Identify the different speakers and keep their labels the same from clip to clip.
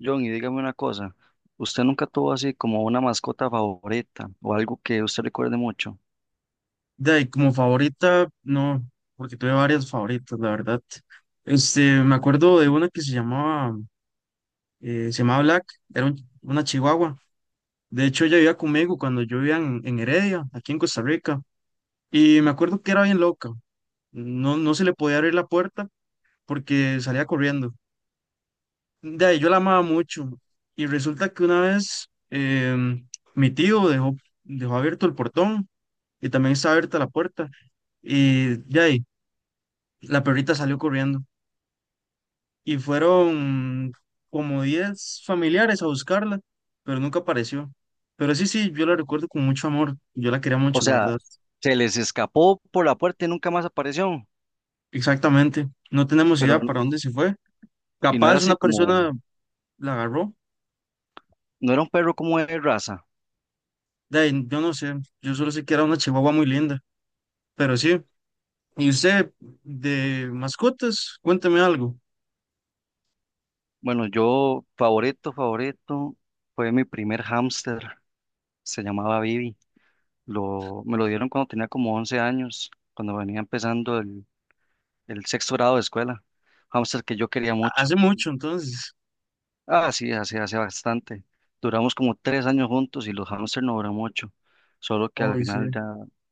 Speaker 1: John, y dígame una cosa, ¿usted nunca tuvo así como una mascota favorita o algo que usted recuerde mucho?
Speaker 2: De ahí, como favorita, no, porque tuve varias favoritas, la verdad. Me acuerdo de una que se llamaba Black, era un- una chihuahua. De hecho, ella vivía conmigo cuando yo vivía en Heredia, aquí en Costa Rica. Y me acuerdo que era bien loca. No se le podía abrir la puerta porque salía corriendo. De ahí, yo la amaba mucho. Y resulta que una vez mi tío dejó, dejó abierto el portón y también estaba abierta la puerta. Y de ahí, la perrita salió corriendo. Y fueron como 10 familiares a buscarla, pero nunca apareció. Pero sí, sí, yo la recuerdo con mucho amor, yo la quería
Speaker 1: O
Speaker 2: mucho, la
Speaker 1: sea,
Speaker 2: verdad.
Speaker 1: se les escapó por la puerta y nunca más apareció,
Speaker 2: Exactamente, no tenemos
Speaker 1: pero
Speaker 2: idea
Speaker 1: n-
Speaker 2: para dónde se fue.
Speaker 1: y no era
Speaker 2: Capaz
Speaker 1: así
Speaker 2: una
Speaker 1: como,
Speaker 2: persona la agarró,
Speaker 1: no era un perro como de raza.
Speaker 2: de ahí, yo no sé, yo solo sé que era una chihuahua muy linda, pero sí. ¿Y usted de mascotas? Cuénteme algo.
Speaker 1: Bueno, yo favorito, favorito fue mi primer hámster, se llamaba Bibi. Me lo dieron cuando tenía como 11 años, cuando venía empezando el sexto grado de escuela. Hámster que yo quería mucho.
Speaker 2: Hace mucho entonces.
Speaker 1: Ah, sí, hace bastante. Duramos como 3 años juntos y los hamsters no duran mucho, solo que al
Speaker 2: Hoy sí.
Speaker 1: final ya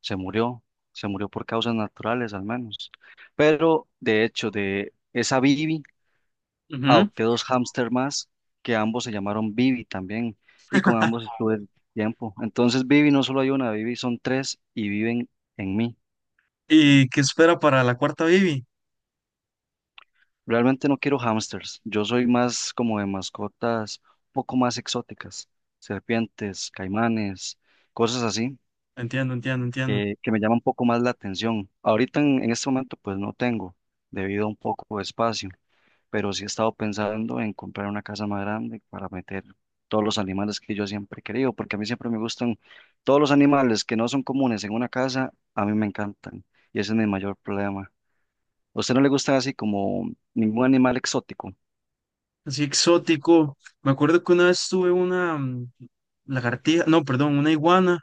Speaker 1: se murió, se murió por causas naturales al menos. Pero de hecho, de esa Bibi,
Speaker 2: Ujú.
Speaker 1: adopté dos hamsters más, que ambos se llamaron Bibi también, y con ambos estuve tiempo. Entonces Bibi no solo hay una, Bibi son tres y viven en mí.
Speaker 2: ¿Y qué espera para la cuarta Bibi?
Speaker 1: Realmente no quiero hámsters. Yo soy más como de mascotas un poco más exóticas, serpientes, caimanes, cosas así
Speaker 2: Entiendo, entiendo, entiendo.
Speaker 1: que me llaman un poco más la atención. Ahorita en este momento pues no tengo debido a un poco de espacio, pero sí he estado pensando en comprar una casa más grande para meter todos los animales que yo siempre he querido, porque a mí siempre me gustan todos los animales que no son comunes en una casa, a mí me encantan y ese es mi mayor problema. ¿A usted no le gusta así como ningún animal exótico?
Speaker 2: Así exótico. Me acuerdo que una vez tuve una lagartija, no, perdón, una iguana.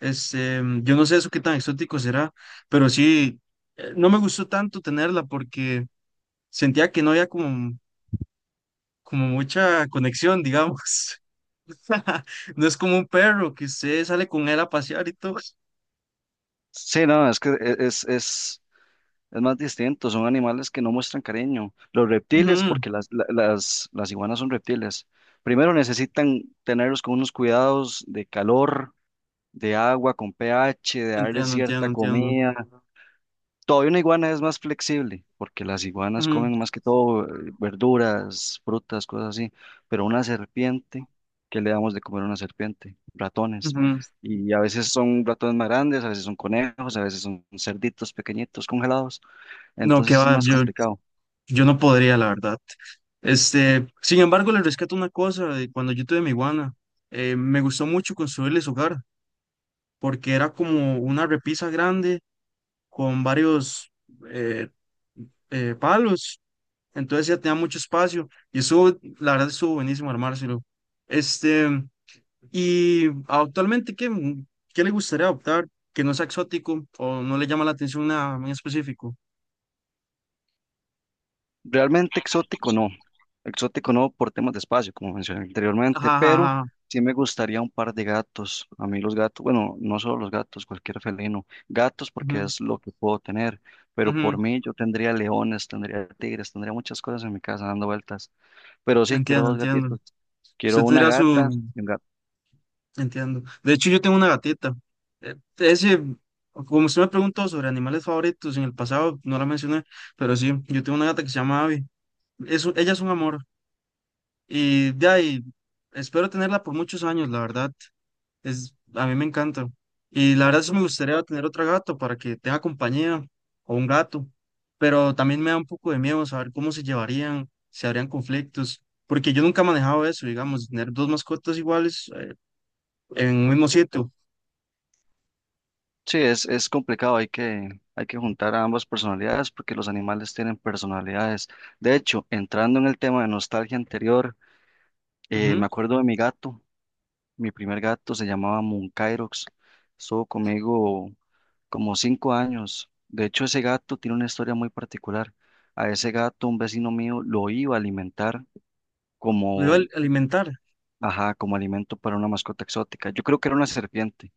Speaker 2: Yo no sé eso qué tan exótico será, pero sí, no me gustó tanto tenerla porque sentía que no había como, como mucha conexión, digamos. No es como un perro que usted sale con él a pasear y todo.
Speaker 1: Sí, no, es que es más distinto, son animales que no muestran cariño. Los reptiles,
Speaker 2: Ujú.
Speaker 1: porque las iguanas son reptiles, primero necesitan tenerlos con unos cuidados de calor, de agua, con pH, de darles
Speaker 2: Entiendo, entiendo,
Speaker 1: cierta
Speaker 2: entiendo.
Speaker 1: comida. Todavía una iguana es más flexible, porque las iguanas
Speaker 2: Ujú,
Speaker 1: comen más que todo verduras, frutas, cosas así, pero una serpiente, ¿qué le damos de comer a una serpiente? Ratones.
Speaker 2: ujú.
Speaker 1: Y a veces son ratones más grandes, a veces son conejos, a veces son cerditos pequeñitos congelados,
Speaker 2: No,
Speaker 1: entonces
Speaker 2: que
Speaker 1: es
Speaker 2: va,
Speaker 1: más
Speaker 2: yo,
Speaker 1: complicado.
Speaker 2: Yo no podría, la verdad. Este, sin embargo, le rescato una cosa de cuando yo tuve mi iguana. Me gustó mucho construirle su hogar, porque era como una repisa grande con varios eh, palos. Entonces ya tenía mucho espacio y eso, la verdad, estuvo buenísimo armárselo. Este, y actualmente, ¿ qué le gustaría adoptar que no sea exótico o no le llama la atención nada en específico?
Speaker 1: Realmente exótico no por temas de espacio, como mencioné anteriormente,
Speaker 2: Ajá,
Speaker 1: pero
Speaker 2: ajá, ajá.
Speaker 1: sí me gustaría un par de gatos. A mí los gatos, bueno, no solo los gatos, cualquier felino, gatos
Speaker 2: Ujú,
Speaker 1: porque es lo que puedo tener, pero
Speaker 2: ujú.
Speaker 1: por mí yo tendría leones, tendría tigres, tendría muchas cosas en mi casa dando vueltas, pero sí, quiero
Speaker 2: Entiendo,
Speaker 1: dos
Speaker 2: entiendo.
Speaker 1: gatitos, quiero
Speaker 2: Usted
Speaker 1: una
Speaker 2: tendría
Speaker 1: gata
Speaker 2: su,
Speaker 1: y un gato.
Speaker 2: entiendo. De hecho, yo tengo una gatita. Eh, Ese, como usted me preguntó sobre animales favoritos en el pasado, no la mencioné, pero sí, yo tengo una gata que se llama Abby. Ella es un amor. Y de ahí, espero tenerla por muchos años, la verdad. Es, a mí me encanta. Y la verdad, sí me gustaría tener otra gata para que tenga compañía o un gato. Pero también me da un poco de miedo saber cómo se llevarían, si habrían conflictos. Porque yo nunca he manejado eso, digamos, tener dos mascotas iguales en un mismo sitio.
Speaker 1: Sí, es complicado, hay que juntar a ambas personalidades porque los animales tienen personalidades. De hecho, entrando en el tema de nostalgia anterior, me acuerdo de mi gato, mi primer gato se llamaba Munkairox, estuvo conmigo como 5 años. De hecho, ese gato tiene una historia muy particular. A ese gato, un vecino mío lo iba a alimentar
Speaker 2: Lo iba a
Speaker 1: como,
Speaker 2: alimentar.
Speaker 1: ajá, como alimento para una mascota exótica. Yo creo que era una serpiente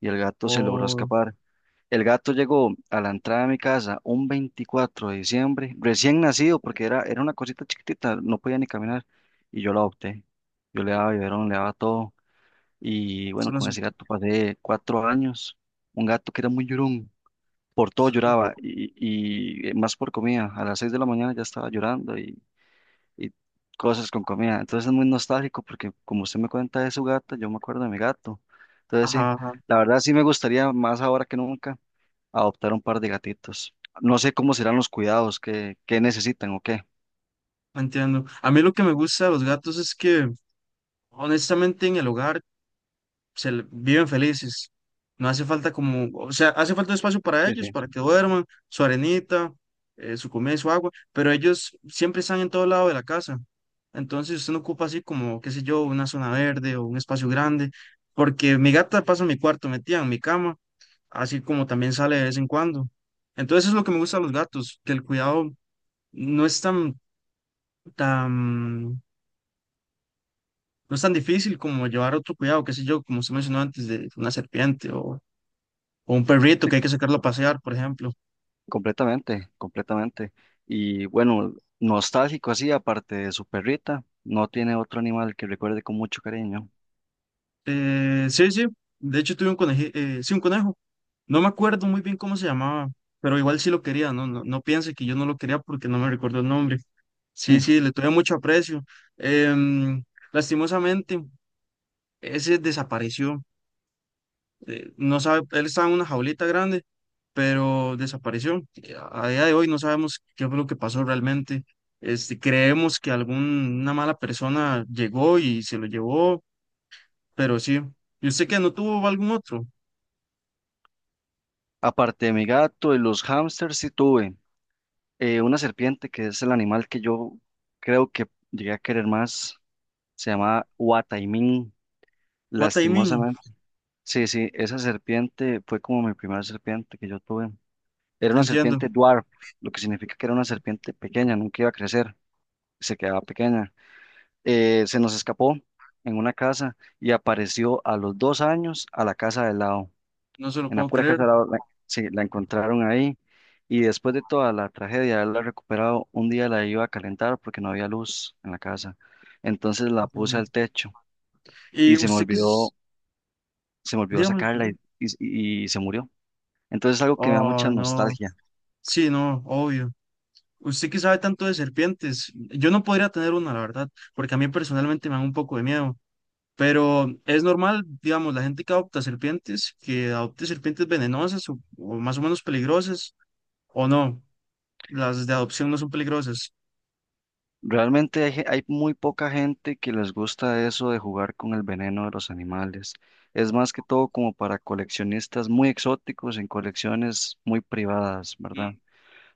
Speaker 1: y el gato se logró
Speaker 2: O
Speaker 1: escapar. El gato llegó a la entrada de mi casa un 24 de diciembre, recién nacido, porque era una cosita chiquitita, no podía ni caminar, y yo lo adopté. Yo le daba biberón, le daba todo. Y bueno,
Speaker 2: solo
Speaker 1: con
Speaker 2: su...
Speaker 1: ese gato pasé 4 años. Un gato que era muy llorón, por todo lloraba más por comida. A las 6 de la mañana ya estaba llorando y cosas con comida. Entonces es muy nostálgico porque como usted me cuenta de su gato, yo me acuerdo de mi gato. Entonces sí,
Speaker 2: Ajá, ajá,
Speaker 1: la verdad sí me gustaría más ahora que nunca adoptar un par de gatitos. No sé cómo serán los cuidados, que qué necesitan o qué.
Speaker 2: no entiendo. A mí lo que me gusta de los gatos es que, honestamente, en el hogar viven felices. No hace falta como, o sea, hace falta un espacio para
Speaker 1: Sí, sí.
Speaker 2: ellos, para que duerman, su arenita, su comida y su agua, pero ellos siempre están en todo lado de la casa. Entonces usted no ocupa así como, qué sé yo, una zona verde o un espacio grande, porque mi gata pasa en mi cuarto metida en mi cama así como también sale de vez en cuando. Entonces eso es lo que me gusta de los gatos, que el cuidado no es tan, no es tan difícil como llevar otro cuidado, qué sé yo, como usted mencionó antes, de una serpiente o un perrito que hay que sacarlo a pasear, por ejemplo.
Speaker 1: Completamente, completamente. Y bueno, nostálgico así, aparte de su perrita, no tiene otro animal que recuerde con mucho cariño.
Speaker 2: Sí, sí, de hecho tuve un conejo, sí, un conejo. No me acuerdo muy bien cómo se llamaba, pero igual sí lo quería, no, no, no piense que yo no lo quería porque no me recuerdo el nombre. Sí, sí, le tuve mucho aprecio. Em, lastimosamente, ese desapareció. No sabe, él estaba en una jaulita grande, pero desapareció. A día de hoy no sabemos qué fue lo que pasó realmente. Este, creemos que alguna mala persona llegó y se lo llevó, pero sí. ¿Y usted qué? ¿No tuvo algún otro?
Speaker 1: Aparte de mi gato y los hámsters, sí tuve una serpiente que es el animal que yo creo que llegué a querer más. Se llamaba Huataimín,
Speaker 2: What I mean,
Speaker 1: lastimosamente. Sí, sí, esa serpiente fue como mi primera serpiente que yo tuve. Era una
Speaker 2: entiendo,
Speaker 1: serpiente dwarf, lo que significa que era una serpiente pequeña, nunca iba a crecer, se quedaba pequeña. Se nos escapó en una casa y apareció a los 2 años a la casa del lado,
Speaker 2: no se lo
Speaker 1: en la
Speaker 2: puedo
Speaker 1: pura
Speaker 2: creer.
Speaker 1: casa del lado, la, sí, la encontraron ahí y después de toda la tragedia de haberla recuperado, un día la iba a calentar porque no había luz en la casa, entonces la
Speaker 2: O sea,
Speaker 1: puse
Speaker 2: no.
Speaker 1: al techo y
Speaker 2: ¿Y
Speaker 1: se me
Speaker 2: usted qué es?
Speaker 1: olvidó, se me olvidó
Speaker 2: Dígame.
Speaker 1: sacarla
Speaker 2: Perdón.
Speaker 1: y se murió. Entonces es algo que me da mucha
Speaker 2: Oh, no.
Speaker 1: nostalgia.
Speaker 2: Sí, no, obvio. Usted que sabe tanto de serpientes, yo no podría tener una, la verdad, porque a mí personalmente me da un poco de miedo. Pero es normal, digamos, la gente que adopta serpientes, que adopte serpientes venenosas o más o menos peligrosas, o no, las de adopción no son peligrosas.
Speaker 1: Realmente hay muy poca gente que les gusta eso de jugar con el veneno de los animales. Es más que todo como para coleccionistas muy exóticos en colecciones muy privadas,
Speaker 2: Mm.
Speaker 1: ¿verdad?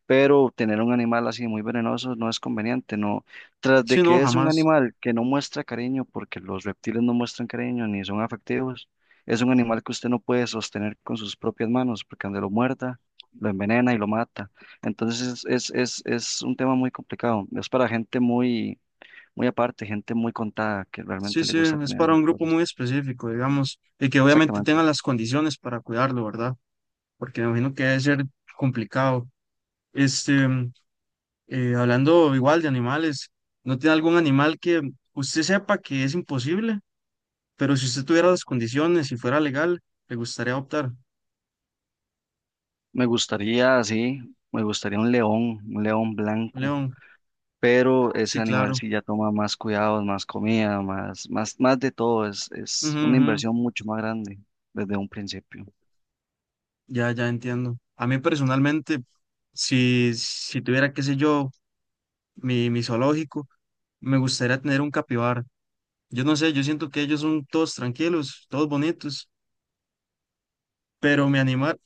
Speaker 1: Pero tener un animal así muy venenoso no es conveniente, no. Tras de
Speaker 2: Sí, no,
Speaker 1: que es un
Speaker 2: jamás.
Speaker 1: animal que no muestra cariño, porque los reptiles no muestran cariño ni son afectivos, es un animal que usted no puede sostener con sus propias manos, porque donde lo muerda, lo envenena y lo mata. Entonces es un tema muy complicado, es para gente muy, muy aparte, gente muy contada que
Speaker 2: Sí,
Speaker 1: realmente le
Speaker 2: sí,
Speaker 1: gusta
Speaker 2: es
Speaker 1: tener
Speaker 2: para
Speaker 1: esas
Speaker 2: un grupo
Speaker 1: cosas.
Speaker 2: muy específico, digamos, y que obviamente
Speaker 1: Exactamente.
Speaker 2: tengan las condiciones para cuidarlo, ¿verdad? Porque me imagino que debe ser complicado. Este, mm, hablando igual de animales, ¿no tiene algún animal que usted sepa que es imposible, pero si usted tuviera las condiciones y fuera legal, le gustaría adoptar?
Speaker 1: Me gustaría, sí, me gustaría un león blanco,
Speaker 2: León.
Speaker 1: pero ese
Speaker 2: Sí,
Speaker 1: animal
Speaker 2: claro.
Speaker 1: sí ya toma más cuidados, más comida, más, más, más de todo, es
Speaker 2: Ujú,
Speaker 1: una
Speaker 2: ujú.
Speaker 1: inversión mucho más grande desde un principio.
Speaker 2: Ya, ya entiendo. A mí personalmente, si tuviera, qué sé yo, mi zoológico, me gustaría tener un capibara. Yo no sé, yo siento que ellos son todos tranquilos, todos bonitos, pero me animar,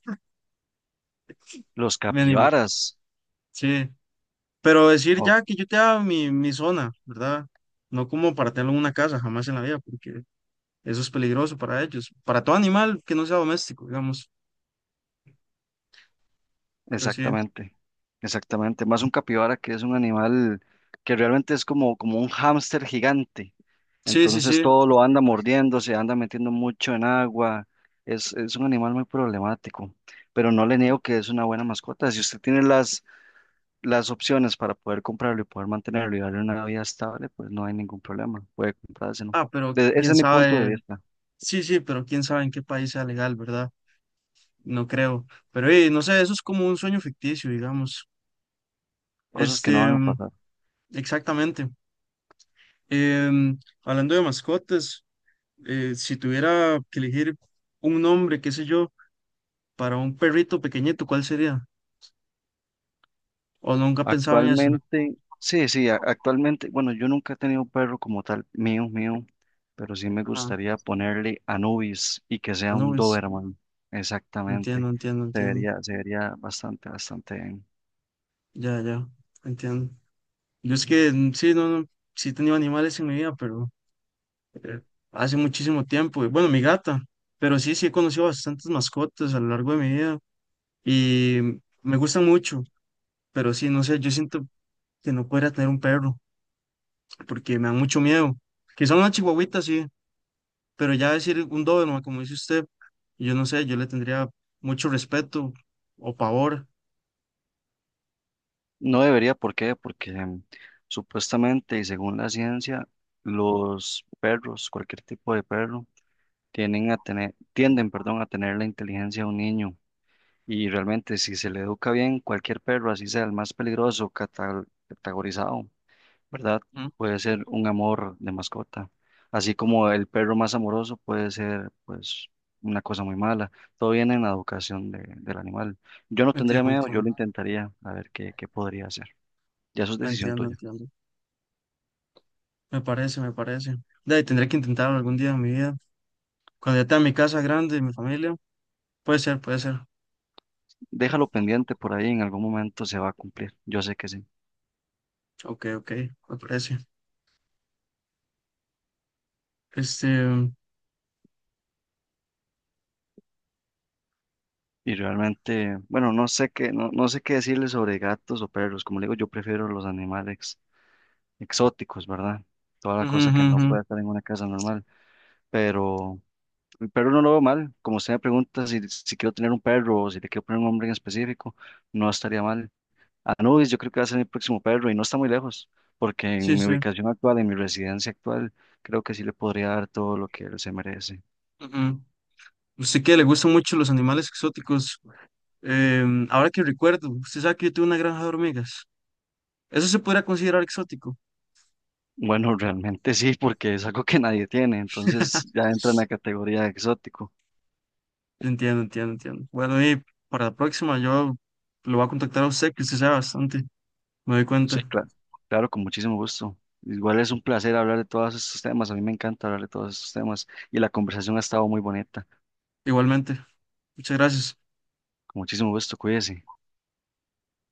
Speaker 1: Los
Speaker 2: me animo,
Speaker 1: capibaras,
Speaker 2: sí. Pero decir
Speaker 1: oh,
Speaker 2: ya que yo te haga mi zona, ¿verdad? No como para tenerlo en una casa, jamás en la vida, porque eso es peligroso para ellos, para todo animal que no sea doméstico, digamos. Pero sí,
Speaker 1: exactamente, exactamente, más un capibara que es un animal que realmente es como, como un hámster gigante,
Speaker 2: sí, sí,
Speaker 1: entonces
Speaker 2: sí.
Speaker 1: todo lo anda mordiendo, se anda metiendo mucho en agua, es un animal muy problemático, pero no le niego que es una buena mascota, si usted tiene las opciones para poder comprarlo y poder mantenerlo y darle una vida estable, pues no hay ningún problema, puede comprárselo.
Speaker 2: Ah, pero
Speaker 1: Ese
Speaker 2: quién
Speaker 1: es mi punto de
Speaker 2: sabe.
Speaker 1: vista,
Speaker 2: Sí, sí, pero quién sabe en qué país sea legal, ¿verdad? No creo. Pero no sé, eso es como un sueño ficticio, digamos.
Speaker 1: cosas que no
Speaker 2: Este,
Speaker 1: van a
Speaker 2: mm,
Speaker 1: pasar.
Speaker 2: exactamente. Hablando de mascotas, si tuviera que elegir un nombre, qué sé yo, para un perrito pequeñito, ¿cuál sería? O nunca pensaba en eso.
Speaker 1: Actualmente, sí, sí, actualmente, bueno, yo nunca he tenido un perro como tal, mío, mío, pero sí me
Speaker 2: Ajá.
Speaker 1: gustaría ponerle Anubis y que sea
Speaker 2: No,
Speaker 1: un
Speaker 2: es-
Speaker 1: Doberman,
Speaker 2: entiendo,
Speaker 1: exactamente.
Speaker 2: entiendo, entiendo.
Speaker 1: Se vería bastante, bastante bien.
Speaker 2: Ya, ya, entiendo. Yo es que sí, no, no, sí he tenido animales en mi vida, pero eh, hace muchísimo tiempo. Y bueno, mi gata, pero sí, sí he conocido bastantes mascotas a lo largo de mi vida y me gustan mucho, pero sí, no sé, yo siento que no podría tener un perro porque me da mucho miedo. Quizá una chihuahuita, sí, pero ya decir un doberman, como dice usted, yo no sé, yo le tendría mucho respeto o pavor.
Speaker 1: No debería, ¿por qué? Porque supuestamente y según la ciencia, los perros, cualquier tipo de perro, tienden, perdón, a tener la inteligencia de un niño. Y realmente, si se le educa bien, cualquier perro, así sea el más peligroso, categorizado, ¿verdad?
Speaker 2: ¿No?
Speaker 1: Puede ser un amor de mascota. Así como el perro más amoroso puede ser, pues, una cosa muy mala. Todo viene en la educación del animal. Yo no tendría miedo, yo lo
Speaker 2: Entiendo,
Speaker 1: intentaría, a ver qué podría hacer. Ya eso es decisión
Speaker 2: entiendo,
Speaker 1: tuya.
Speaker 2: entiendo. Me parece, me parece. De ahí tendré que intentarlo algún día en mi vida. Cuando ya tenga mi casa grande y mi familia, puede ser, puede ser.
Speaker 1: Déjalo pendiente por ahí, en algún momento se va a cumplir. Yo sé que sí.
Speaker 2: Ok, ok, me parece. Este, ujú,
Speaker 1: Y realmente, bueno, no sé qué decirle sobre gatos o perros. Como le digo, yo prefiero los animales exóticos, ¿verdad? Toda la cosa que no
Speaker 2: ujú,
Speaker 1: puede estar en una casa normal. Pero el perro no lo veo mal. Como usted me pregunta si quiero tener un perro o si le quiero poner un nombre en específico, no estaría mal. Anubis, yo creo que va a ser mi próximo perro y no está muy lejos, porque
Speaker 2: sí,
Speaker 1: en mi
Speaker 2: sí.
Speaker 1: ubicación actual, en mi residencia actual, creo que sí le podría dar todo lo que él se merece.
Speaker 2: Ujú. Usted que le gustan mucho los animales exóticos. Ahora que recuerdo, usted sabe que yo tuve una granja de hormigas. Eso se podría considerar exótico.
Speaker 1: Bueno, realmente sí, porque es algo que nadie tiene, entonces ya entra en la categoría de exótico.
Speaker 2: Entiendo. Bueno, y para la próxima yo lo voy a contactar a usted, que usted sabe bastante. Me doy
Speaker 1: Sí,
Speaker 2: cuenta.
Speaker 1: claro, claro, con muchísimo gusto. Igual es un placer hablar de todos estos temas, a mí me encanta hablar de todos estos temas y la conversación ha estado muy bonita.
Speaker 2: Igualmente. Muchas gracias.
Speaker 1: Con muchísimo gusto, cuídese.